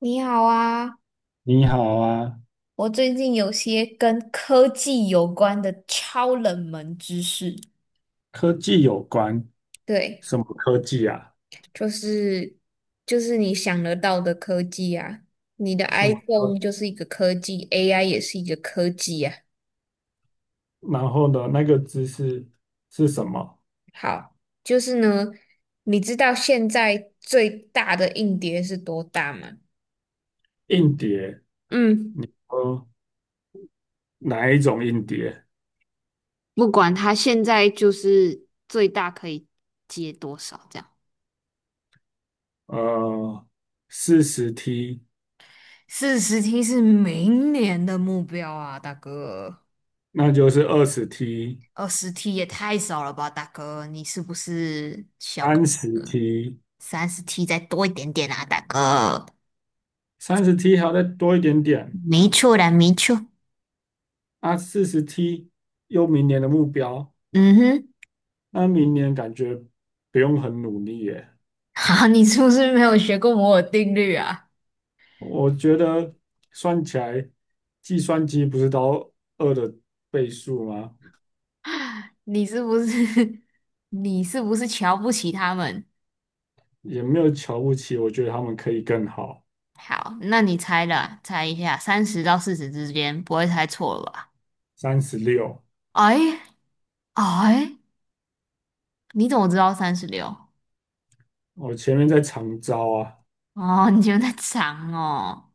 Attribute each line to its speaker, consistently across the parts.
Speaker 1: 你好啊，
Speaker 2: 你好啊，
Speaker 1: 我最近有些跟科技有关的超冷门知识。
Speaker 2: 科技有关，
Speaker 1: 对，
Speaker 2: 什么科技啊？
Speaker 1: 就是就是你想得到的科技啊，你的
Speaker 2: 什么
Speaker 1: iPhone
Speaker 2: 科？
Speaker 1: 就是一个科技，AI 也是一个科技啊。
Speaker 2: 然后呢，那个知识是什么？
Speaker 1: 好，就是呢，你知道现在最大的硬碟是多大吗？
Speaker 2: 硬碟，
Speaker 1: 嗯，
Speaker 2: 呃，哪一种硬碟？
Speaker 1: 不管它现在就是最大可以接多少这样。
Speaker 2: 呃，四十 T，
Speaker 1: 40T 是明年的目标啊，大哥。
Speaker 2: 那就是20 T，
Speaker 1: 20T 也太少了吧，大哥，你是不是小？
Speaker 2: 三十 T，
Speaker 1: 30T 再多一点点啊，大哥。
Speaker 2: 三十 T 还要再多一点点
Speaker 1: 没错的，没错。
Speaker 2: 啊，四十 T 又明年的目标，
Speaker 1: 嗯哼，
Speaker 2: 那明年感觉不用很努力耶。
Speaker 1: 好，你是不是没有学过摩尔定律啊？
Speaker 2: 我觉得算起来，计算机不是到二的倍数吗？
Speaker 1: 你是不是 你是不是瞧不起他们？
Speaker 2: 也没有瞧不起，我觉得他们可以更好。
Speaker 1: 好，那你猜了，猜一下，30到40之间，不会猜错了吧？
Speaker 2: 36，
Speaker 1: 哎哎，你怎么知道三十六？
Speaker 2: 我前面在长招啊，
Speaker 1: 哦，你觉得长哦，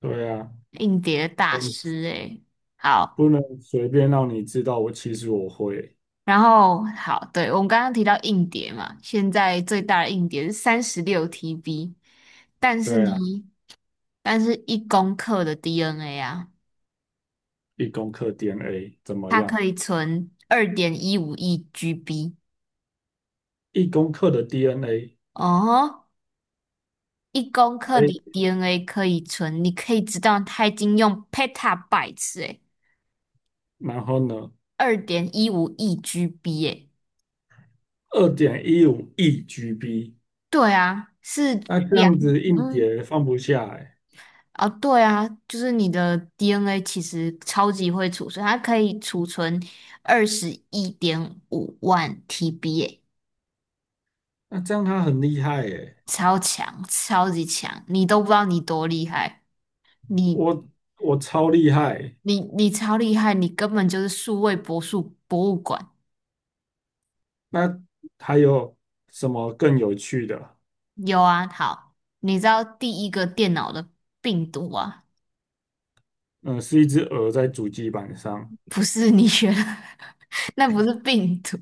Speaker 2: 对啊，
Speaker 1: 硬碟大
Speaker 2: 嗯，
Speaker 1: 师诶。好，
Speaker 2: 不能随便让你知道我其实我会，
Speaker 1: 然后好，对，我们刚刚提到硬碟嘛，现在最大的硬碟是36TB，但是呢，
Speaker 2: 对啊，
Speaker 1: 但是一公克的 DNA 啊，
Speaker 2: 一公克 DNA 怎么
Speaker 1: 它
Speaker 2: 样？
Speaker 1: 可以存二点一五亿 GB
Speaker 2: 一公克的 DNA
Speaker 1: 哦，1公克
Speaker 2: 可以，
Speaker 1: 的 DNA 可以存，你可以知道它已经用 petabytes 诶，
Speaker 2: 然后呢，
Speaker 1: 二点一五亿 GB 诶，
Speaker 2: 二点一五亿 GB，
Speaker 1: 对啊，是
Speaker 2: 那这
Speaker 1: 两。
Speaker 2: 样子硬
Speaker 1: 嗯。
Speaker 2: 碟放不下哎、
Speaker 1: 啊，对啊，就是你的 DNA 其实超级会储存，它可以储存二十一点五万 TB，耶
Speaker 2: 那这样他很厉害哎、
Speaker 1: 超强，超级强，你都不知道你多厉害，你
Speaker 2: 我我超厉害。
Speaker 1: 超厉害，你根本就是数位博术博物馆。
Speaker 2: 那还有什么更有趣的？
Speaker 1: 有啊，好，你知道第一个电脑的病毒啊，
Speaker 2: 嗯，是一只鹅在主机板上，
Speaker 1: 不是你学的，那不是病毒，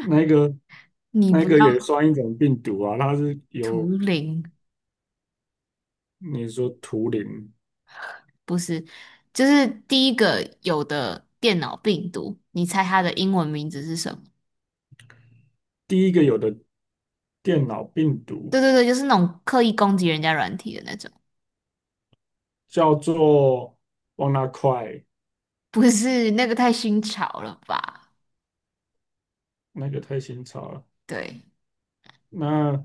Speaker 2: 那个
Speaker 1: 你
Speaker 2: 那
Speaker 1: 不
Speaker 2: 个
Speaker 1: 要
Speaker 2: 也算一种病毒啊，它是有
Speaker 1: 图灵。
Speaker 2: 你说图灵
Speaker 1: 不是，就是第一个有的电脑病毒，你猜它的英文名字是什么？
Speaker 2: 第一个有的电脑病毒
Speaker 1: 对对对，就是那种刻意攻击人家软体的那种，
Speaker 2: 叫做 WannaCry，
Speaker 1: 不是那个太新潮了吧？
Speaker 2: 那个太新潮了。
Speaker 1: 对，
Speaker 2: 那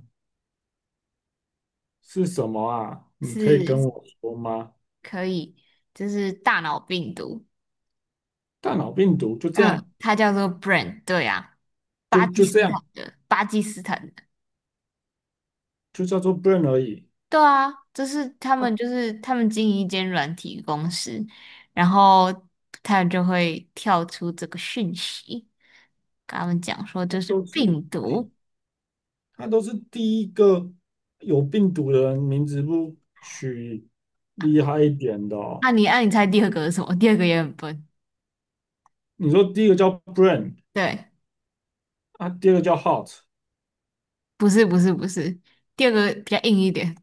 Speaker 2: 是什么啊？你可以跟
Speaker 1: 是
Speaker 2: 我说吗？
Speaker 1: 可以，就是大脑病毒，
Speaker 2: 大脑病毒就这
Speaker 1: 嗯，
Speaker 2: 样，
Speaker 1: 它叫做 Brain，对啊，
Speaker 2: 就
Speaker 1: 巴基
Speaker 2: 就
Speaker 1: 斯
Speaker 2: 这样，
Speaker 1: 坦的，巴基斯坦
Speaker 2: 就叫做 brain 而已。
Speaker 1: 对啊，就是他们
Speaker 2: 它
Speaker 1: 经营一间软体公司，然后他们就会跳出这个讯息，跟他们讲说
Speaker 2: 它
Speaker 1: 这是
Speaker 2: 都是。
Speaker 1: 病毒。
Speaker 2: 他都是第一个有病毒的人，名字不取厉害一点的哦
Speaker 1: 那、你按、啊你猜第二个是什么？第二个也很笨。
Speaker 2: 你说第一个叫 Brain
Speaker 1: 对，
Speaker 2: 啊，第二个叫 Hot，
Speaker 1: 不是不是不是，第二个比较硬一点。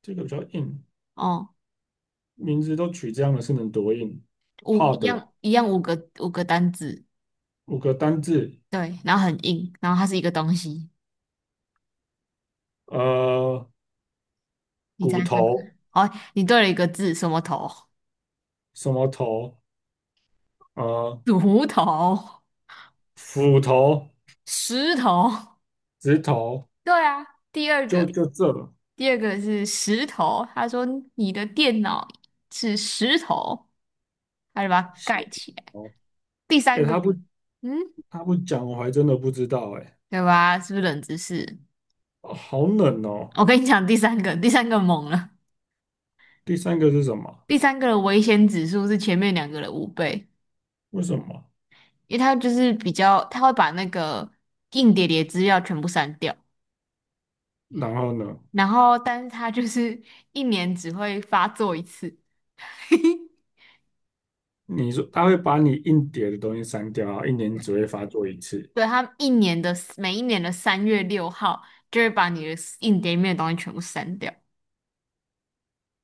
Speaker 2: 第二个比较硬，
Speaker 1: 哦，
Speaker 2: 名字都取这样的是能多硬
Speaker 1: 五一
Speaker 2: ？Hard
Speaker 1: 样一样五个五个单字，
Speaker 2: 五个单字，
Speaker 1: 对，然后很硬，然后它是一个东西。
Speaker 2: 呃，
Speaker 1: 你猜
Speaker 2: 骨
Speaker 1: 猜看？
Speaker 2: 头
Speaker 1: 哦，你对了一个字，什么头？
Speaker 2: 什么头，呃，
Speaker 1: 乳头、
Speaker 2: 斧头、
Speaker 1: 石头。
Speaker 2: 指头，
Speaker 1: 对啊，第二
Speaker 2: 就
Speaker 1: 个，
Speaker 2: 就这了。
Speaker 1: 第二个是石头。他说你的电脑是石头，他就把它
Speaker 2: 是
Speaker 1: 盖起来。
Speaker 2: 哦，
Speaker 1: 第
Speaker 2: 哎，
Speaker 1: 三个，
Speaker 2: 他不
Speaker 1: 嗯，
Speaker 2: 他不讲，我还真的不知道哎、
Speaker 1: 对吧？是不是冷知识？
Speaker 2: 哦好冷哦。
Speaker 1: 我跟你讲，第三个，第三个猛了。
Speaker 2: 第三个是什么？
Speaker 1: 第三个的危险指数是前面两个的5倍，
Speaker 2: 为什么？
Speaker 1: 因为他就是比较，他会把那个硬碟里的资料全部删掉，
Speaker 2: 然后呢，
Speaker 1: 然后但是他就是一年只会发作一次。
Speaker 2: 你说他会把你硬碟的东西删掉啊，一年只会发作一次，
Speaker 1: 对，他们一年的每一年的三月六号就会把你的硬碟里面的东西全部删掉。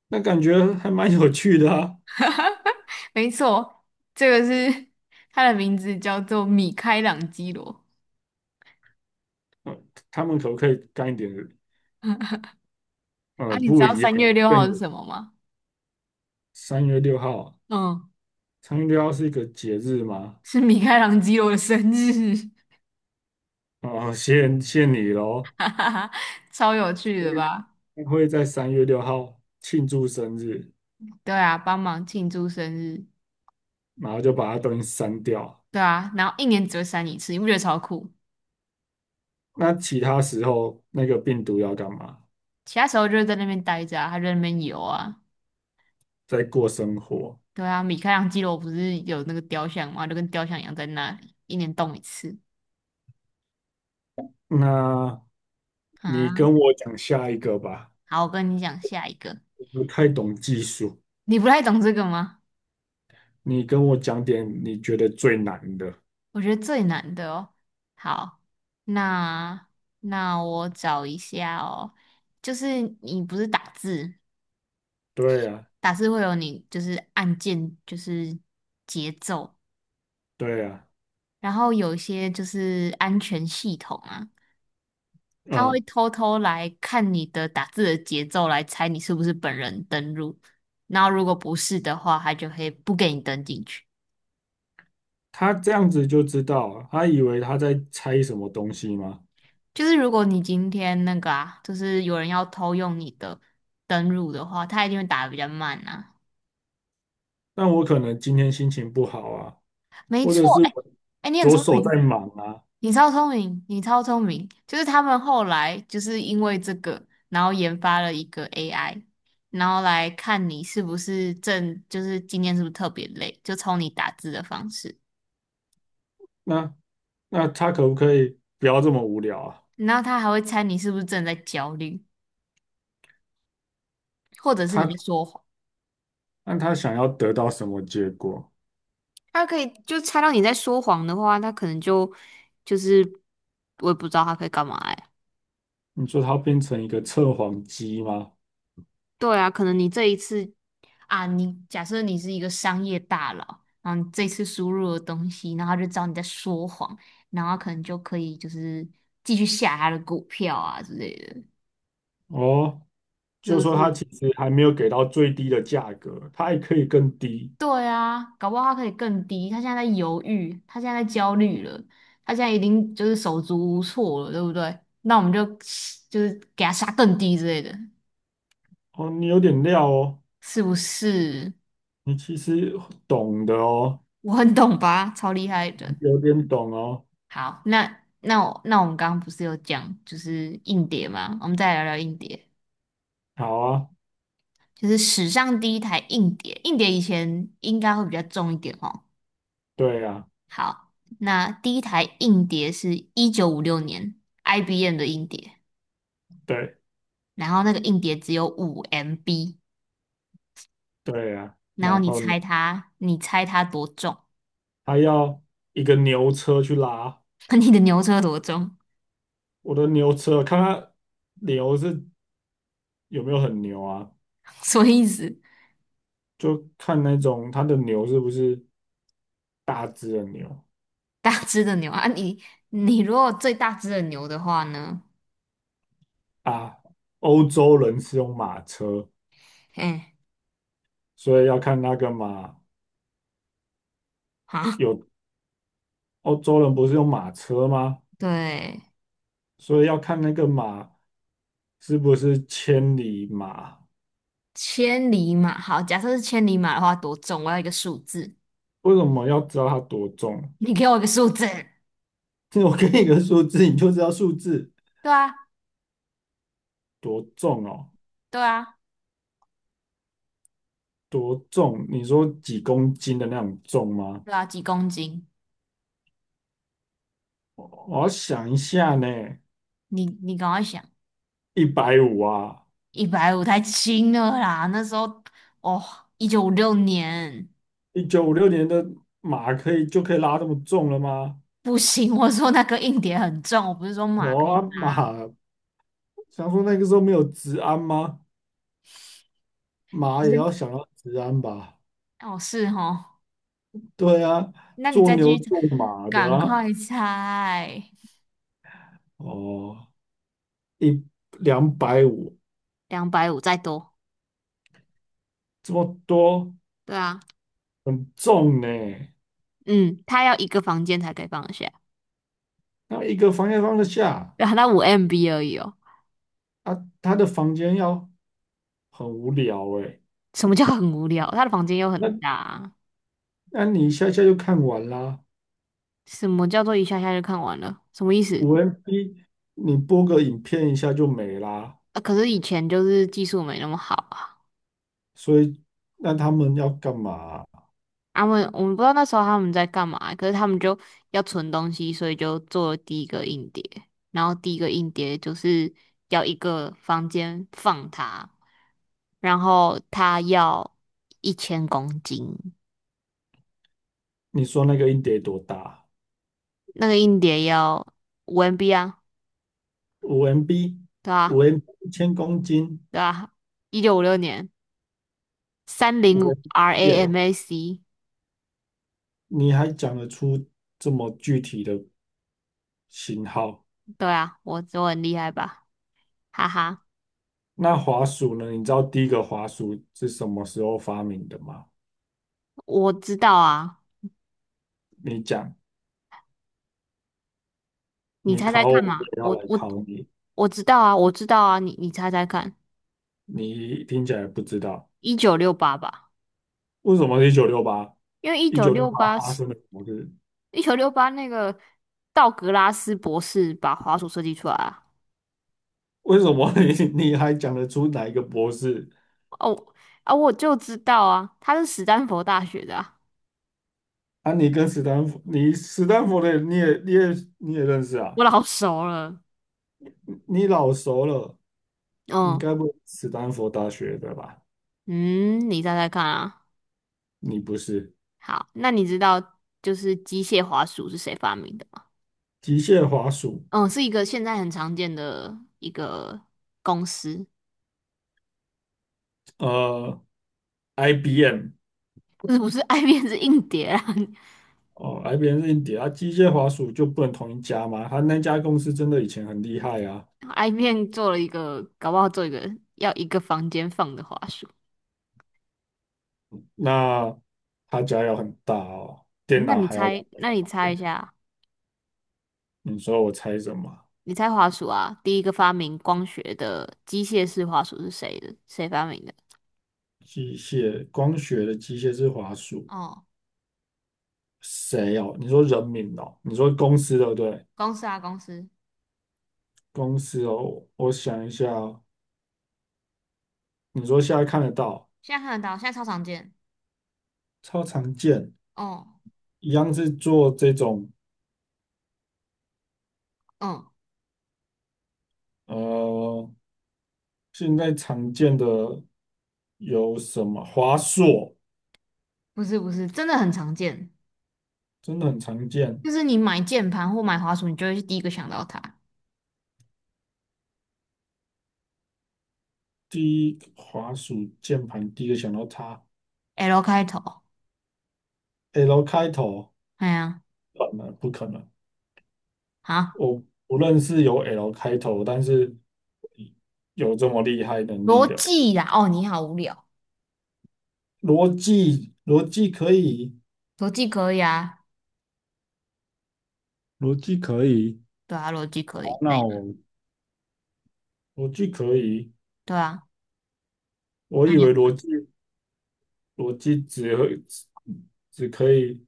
Speaker 2: 那感觉还蛮有趣的啊。
Speaker 1: 没错，这个是他的名字叫做米开朗基罗
Speaker 2: 呃他们可不可以干一点
Speaker 1: 啊。你知
Speaker 2: 不
Speaker 1: 道
Speaker 2: 一样，
Speaker 1: 三月六
Speaker 2: 更
Speaker 1: 号是
Speaker 2: 有？
Speaker 1: 什么吗？
Speaker 2: 三月六号啊，
Speaker 1: 嗯，
Speaker 2: 三月六号是一个节日吗？
Speaker 1: 是米开朗基罗的生日，
Speaker 2: 哦，谢谢你喽。
Speaker 1: 哈哈哈，超有趣
Speaker 2: 因
Speaker 1: 的吧？
Speaker 2: 为他会在三月六号庆祝生日，
Speaker 1: 对啊，帮忙庆祝生日，
Speaker 2: 然后就把它东西删掉。
Speaker 1: 对啊，然后一年只会删一次，你不觉得超酷？
Speaker 2: 那其他时候那个病毒要干嘛？
Speaker 1: 其他时候就是在那边待着啊，他就在那边游啊。
Speaker 2: 在过生活。
Speaker 1: 对啊，米开朗基罗不是有那个雕像吗？就跟雕像一样在那里，一年动一次
Speaker 2: 那你
Speaker 1: 啊。
Speaker 2: 跟我讲下一个吧。
Speaker 1: 好，我跟你讲下一个，
Speaker 2: 不太懂技术，
Speaker 1: 你不太懂这个吗？
Speaker 2: 你跟我讲点你觉得最难的。
Speaker 1: 我觉得最难的哦。好，那那我找一下哦，就是你不是打字，
Speaker 2: 对啊，
Speaker 1: 打字会有你就是按键，就是节奏，
Speaker 2: 对啊，
Speaker 1: 然后有一些就是安全系统啊。他会
Speaker 2: 嗯，
Speaker 1: 偷偷来看你的打字的节奏，来猜你是不是本人登录。然后如果不是的话，他就会不给你登进去。
Speaker 2: 他这样子就知道啊他以为他在猜什么东西吗？
Speaker 1: 就是如果你今天那个啊，就是有人要偷用你的登录的话，他一定会打的比较慢呐。
Speaker 2: 那我可能今天心情不好啊，
Speaker 1: 没
Speaker 2: 或
Speaker 1: 错，
Speaker 2: 者是
Speaker 1: 哎
Speaker 2: 我
Speaker 1: 哎，你很
Speaker 2: 左
Speaker 1: 聪
Speaker 2: 手在
Speaker 1: 明，
Speaker 2: 忙啊，
Speaker 1: 你超聪明，你超聪明。就是他们后来就是因为这个，然后研发了一个 AI。然后来看你是不是正，就是今天是不是特别累，就从你打字的方式。
Speaker 2: 那那他可不可以不要这么无聊啊？
Speaker 1: 然后他还会猜你是不是正在焦虑，或者是你
Speaker 2: 他
Speaker 1: 在说谎。
Speaker 2: 那他想要得到什么结果？
Speaker 1: 他可以就猜到你在说谎的话，他可能就就是我也不知道他可以干嘛哎。
Speaker 2: 你说他变成一个测谎机吗？
Speaker 1: 对啊，可能你这一次啊，你假设你是一个商业大佬，然后你这次输入了东西，然后他就知道你在说谎，然后可能就可以就是继续下他的股票啊之类的，
Speaker 2: 哦，
Speaker 1: 是
Speaker 2: 就
Speaker 1: 不
Speaker 2: 说他
Speaker 1: 是？
Speaker 2: 其实还没有给到最低的价格，他还可以更低。
Speaker 1: 对啊，搞不好他可以更低。他现在在犹豫，他现在在焦虑了，他现在已定就是手足无措了，对不对？那我们就就是给他杀更低之类的，
Speaker 2: 哦，你有点料哦，
Speaker 1: 是不是？
Speaker 2: 你其实懂的哦，
Speaker 1: 我很懂吧，超厉害
Speaker 2: 你
Speaker 1: 的。
Speaker 2: 有点懂哦。
Speaker 1: 好，那我们刚刚不是有讲就是硬碟吗？我们再来聊聊硬碟，
Speaker 2: 好啊，
Speaker 1: 就是史上第一台硬碟。硬碟以前应该会比较重一点哦。
Speaker 2: 对啊，
Speaker 1: 好，那第一台硬碟是一九五六年 IBM 的硬碟。
Speaker 2: 对
Speaker 1: 然后那个硬碟只有五 MB，
Speaker 2: 对啊。
Speaker 1: 然后
Speaker 2: 然
Speaker 1: 你
Speaker 2: 后呢，
Speaker 1: 猜它，你猜它多重？
Speaker 2: 还要一个牛车去拉
Speaker 1: 你的牛车多重？
Speaker 2: 我的牛车，看它牛是有没有很牛啊？
Speaker 1: 什么意思？
Speaker 2: 就看那种它的牛是不是大只的牛
Speaker 1: 大只的牛啊，你如果最大只的牛的话呢？
Speaker 2: 啊？欧洲人是用马车，
Speaker 1: 哎，
Speaker 2: 所以要看那个马
Speaker 1: 好，
Speaker 2: 有欧洲人不是用马车吗？
Speaker 1: 对，
Speaker 2: 所以要看那个马。是不是千里马？
Speaker 1: 千里马，好，假设是千里马的话多重？我要一个数字，
Speaker 2: 为什么要知道它多重？
Speaker 1: 你给我一个数字。
Speaker 2: 我给你个数字，你就知道数字
Speaker 1: 对啊，
Speaker 2: 多重哦，
Speaker 1: 对啊，
Speaker 2: 多重？你说几公斤的那种重吗？
Speaker 1: 对啊，几公斤？
Speaker 2: 我要想一下呢，
Speaker 1: 你赶快想，
Speaker 2: 150啊，
Speaker 1: 150太轻了啦，那时候哦，一九五六年。
Speaker 2: 1956年的马可以就可以拉这么重了吗？
Speaker 1: 不行，我说那个硬碟很重，我不是说马
Speaker 2: 哦
Speaker 1: 可以
Speaker 2: 啊
Speaker 1: 搭。
Speaker 2: 马，想说那个时候没有治安吗？
Speaker 1: 不
Speaker 2: 马也
Speaker 1: 是
Speaker 2: 要想要治安吧？
Speaker 1: 哦，是哦，
Speaker 2: 对啊，
Speaker 1: 那你
Speaker 2: 做
Speaker 1: 再继
Speaker 2: 牛
Speaker 1: 续猜，
Speaker 2: 做马的
Speaker 1: 赶
Speaker 2: 啊，
Speaker 1: 快猜。
Speaker 2: 哦，一两百五
Speaker 1: 250再多，
Speaker 2: 这么多，
Speaker 1: 对啊，
Speaker 2: 很重呢。
Speaker 1: 嗯，他要一个房间才可以放得下，
Speaker 2: 那一个房间放得下
Speaker 1: 对啊，后他五 MB 而已哦。
Speaker 2: 啊，他的房间要很无聊诶。
Speaker 1: 什么叫很无聊？他的房间又很大
Speaker 2: 那
Speaker 1: 啊
Speaker 2: 那你一下下就看完啦，
Speaker 1: 什么叫做一下下就看完了？什么意思？
Speaker 2: 五 MB 你播个影片一下就没啦。
Speaker 1: 啊，可是以前就是技术没那么好啊。
Speaker 2: 所以那他们要干嘛？
Speaker 1: 他们我们不知道那时候他们在干嘛，可是他们就要存东西，所以就做了第一个硬碟，然后第一个硬碟就是要一个房间放它，然后它要1000公斤，
Speaker 2: 你说那个硬碟多大？
Speaker 1: 那个硬碟要五 MB 啊，
Speaker 2: 五 MB，
Speaker 1: 对
Speaker 2: 五
Speaker 1: 啊，
Speaker 2: MB 1000公斤，
Speaker 1: 对啊，一九五六年305
Speaker 2: 5 MB 耶，
Speaker 1: RAM a c
Speaker 2: 你还讲得出这么具体的型号？
Speaker 1: 对啊，我很厉害吧，哈哈，
Speaker 2: 那滑鼠呢？你知道第一个滑鼠是什么时候发明的吗？
Speaker 1: 我知道啊。
Speaker 2: 你讲，
Speaker 1: 你
Speaker 2: 你
Speaker 1: 猜猜
Speaker 2: 考我，
Speaker 1: 看
Speaker 2: 我
Speaker 1: 嘛，
Speaker 2: 也要
Speaker 1: 我
Speaker 2: 来
Speaker 1: 我
Speaker 2: 考你。
Speaker 1: 我知道啊，我知道啊，你猜猜看，
Speaker 2: 你听起来不知道，
Speaker 1: 一九六八吧，
Speaker 2: 为什么是一九六八？
Speaker 1: 因为一
Speaker 2: 一
Speaker 1: 九
Speaker 2: 九六
Speaker 1: 六
Speaker 2: 八
Speaker 1: 八
Speaker 2: 发
Speaker 1: 是
Speaker 2: 生了什么事？
Speaker 1: 一九六八那个道格拉斯博士把滑鼠设计出来啊，
Speaker 2: 为什么你 你还讲得出哪一个博士？
Speaker 1: 哦啊，我就知道啊，他是史丹佛大学的啊，
Speaker 2: 啊，你跟斯坦福，你斯坦福的你也认识
Speaker 1: 我
Speaker 2: 啊？
Speaker 1: 老熟了，
Speaker 2: 你老熟了，你
Speaker 1: 嗯
Speaker 2: 该不会是斯坦福大学的吧？
Speaker 1: 嗯，你猜猜看啊，
Speaker 2: 你不是
Speaker 1: 好，那你知道就是机械滑鼠是谁发明的吗？
Speaker 2: 机械滑鼠，
Speaker 1: 嗯，是一个现在很常见的一个公司，
Speaker 2: 呃，IBM。
Speaker 1: 不是不是爱 面子硬碟啊。
Speaker 2: 哦，IBM 是硬碟啊，机械滑鼠就不能同一家吗？他那家公司真的以前很厉害啊，
Speaker 1: I 面做了一个，搞不好做一个要一个房间放的滑鼠。
Speaker 2: 那他家要很大哦，电
Speaker 1: 那
Speaker 2: 脑
Speaker 1: 你
Speaker 2: 还要两
Speaker 1: 猜，
Speaker 2: 个
Speaker 1: 那
Speaker 2: 房
Speaker 1: 你猜一
Speaker 2: 间。
Speaker 1: 下，
Speaker 2: 你说我猜什么？
Speaker 1: 你猜滑鼠啊？第一个发明光学的机械式滑鼠是谁的？谁发明的？
Speaker 2: 机械光学的机械是滑鼠，
Speaker 1: 哦，
Speaker 2: 谁哦？你说人名哦？你说公司对不对？
Speaker 1: 公司啊，公司，
Speaker 2: 公司哦，我想一下哦，你说现在看得到，
Speaker 1: 现在看得到，现在超常见。
Speaker 2: 超常见，
Speaker 1: 哦，
Speaker 2: 一样是做这种
Speaker 1: 嗯，
Speaker 2: 呃，现在常见的有什么？华硕。
Speaker 1: 不是不是，真的很常见，
Speaker 2: 真的很常见。
Speaker 1: 就是你买键盘或买滑鼠，你就会第一个想到它。
Speaker 2: 第一，滑鼠键盘第一个想到它
Speaker 1: L 开头，
Speaker 2: ，L 开头，
Speaker 1: 哎呀，
Speaker 2: 不可能不可能？
Speaker 1: 啊，
Speaker 2: 我不认识有 L 开头，但是有这么厉害能力
Speaker 1: 逻
Speaker 2: 的
Speaker 1: 辑呀，哦，你好无聊，
Speaker 2: 逻辑，逻辑可以，
Speaker 1: 逻辑可以啊，
Speaker 2: 逻辑可以，
Speaker 1: 对啊，逻辑可
Speaker 2: 好
Speaker 1: 以，
Speaker 2: 那我逻辑可以。
Speaker 1: 对啊，
Speaker 2: 我
Speaker 1: 那
Speaker 2: 以
Speaker 1: 你要
Speaker 2: 为逻辑只会只只可以，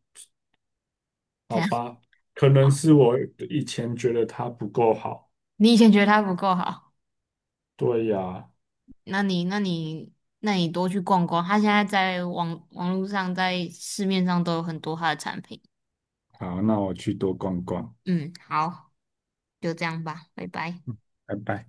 Speaker 2: 好
Speaker 1: 怎样
Speaker 2: 吧？可能是我以前觉得它不够好。
Speaker 1: 你以前觉得它不够好，
Speaker 2: 对呀，
Speaker 1: 那你那你那你多去逛逛，它现在在网络上在市面上都有很多它的产品。
Speaker 2: 好，那我去多逛逛。
Speaker 1: 嗯，好，就这样吧，拜拜。
Speaker 2: 嗯，拜拜。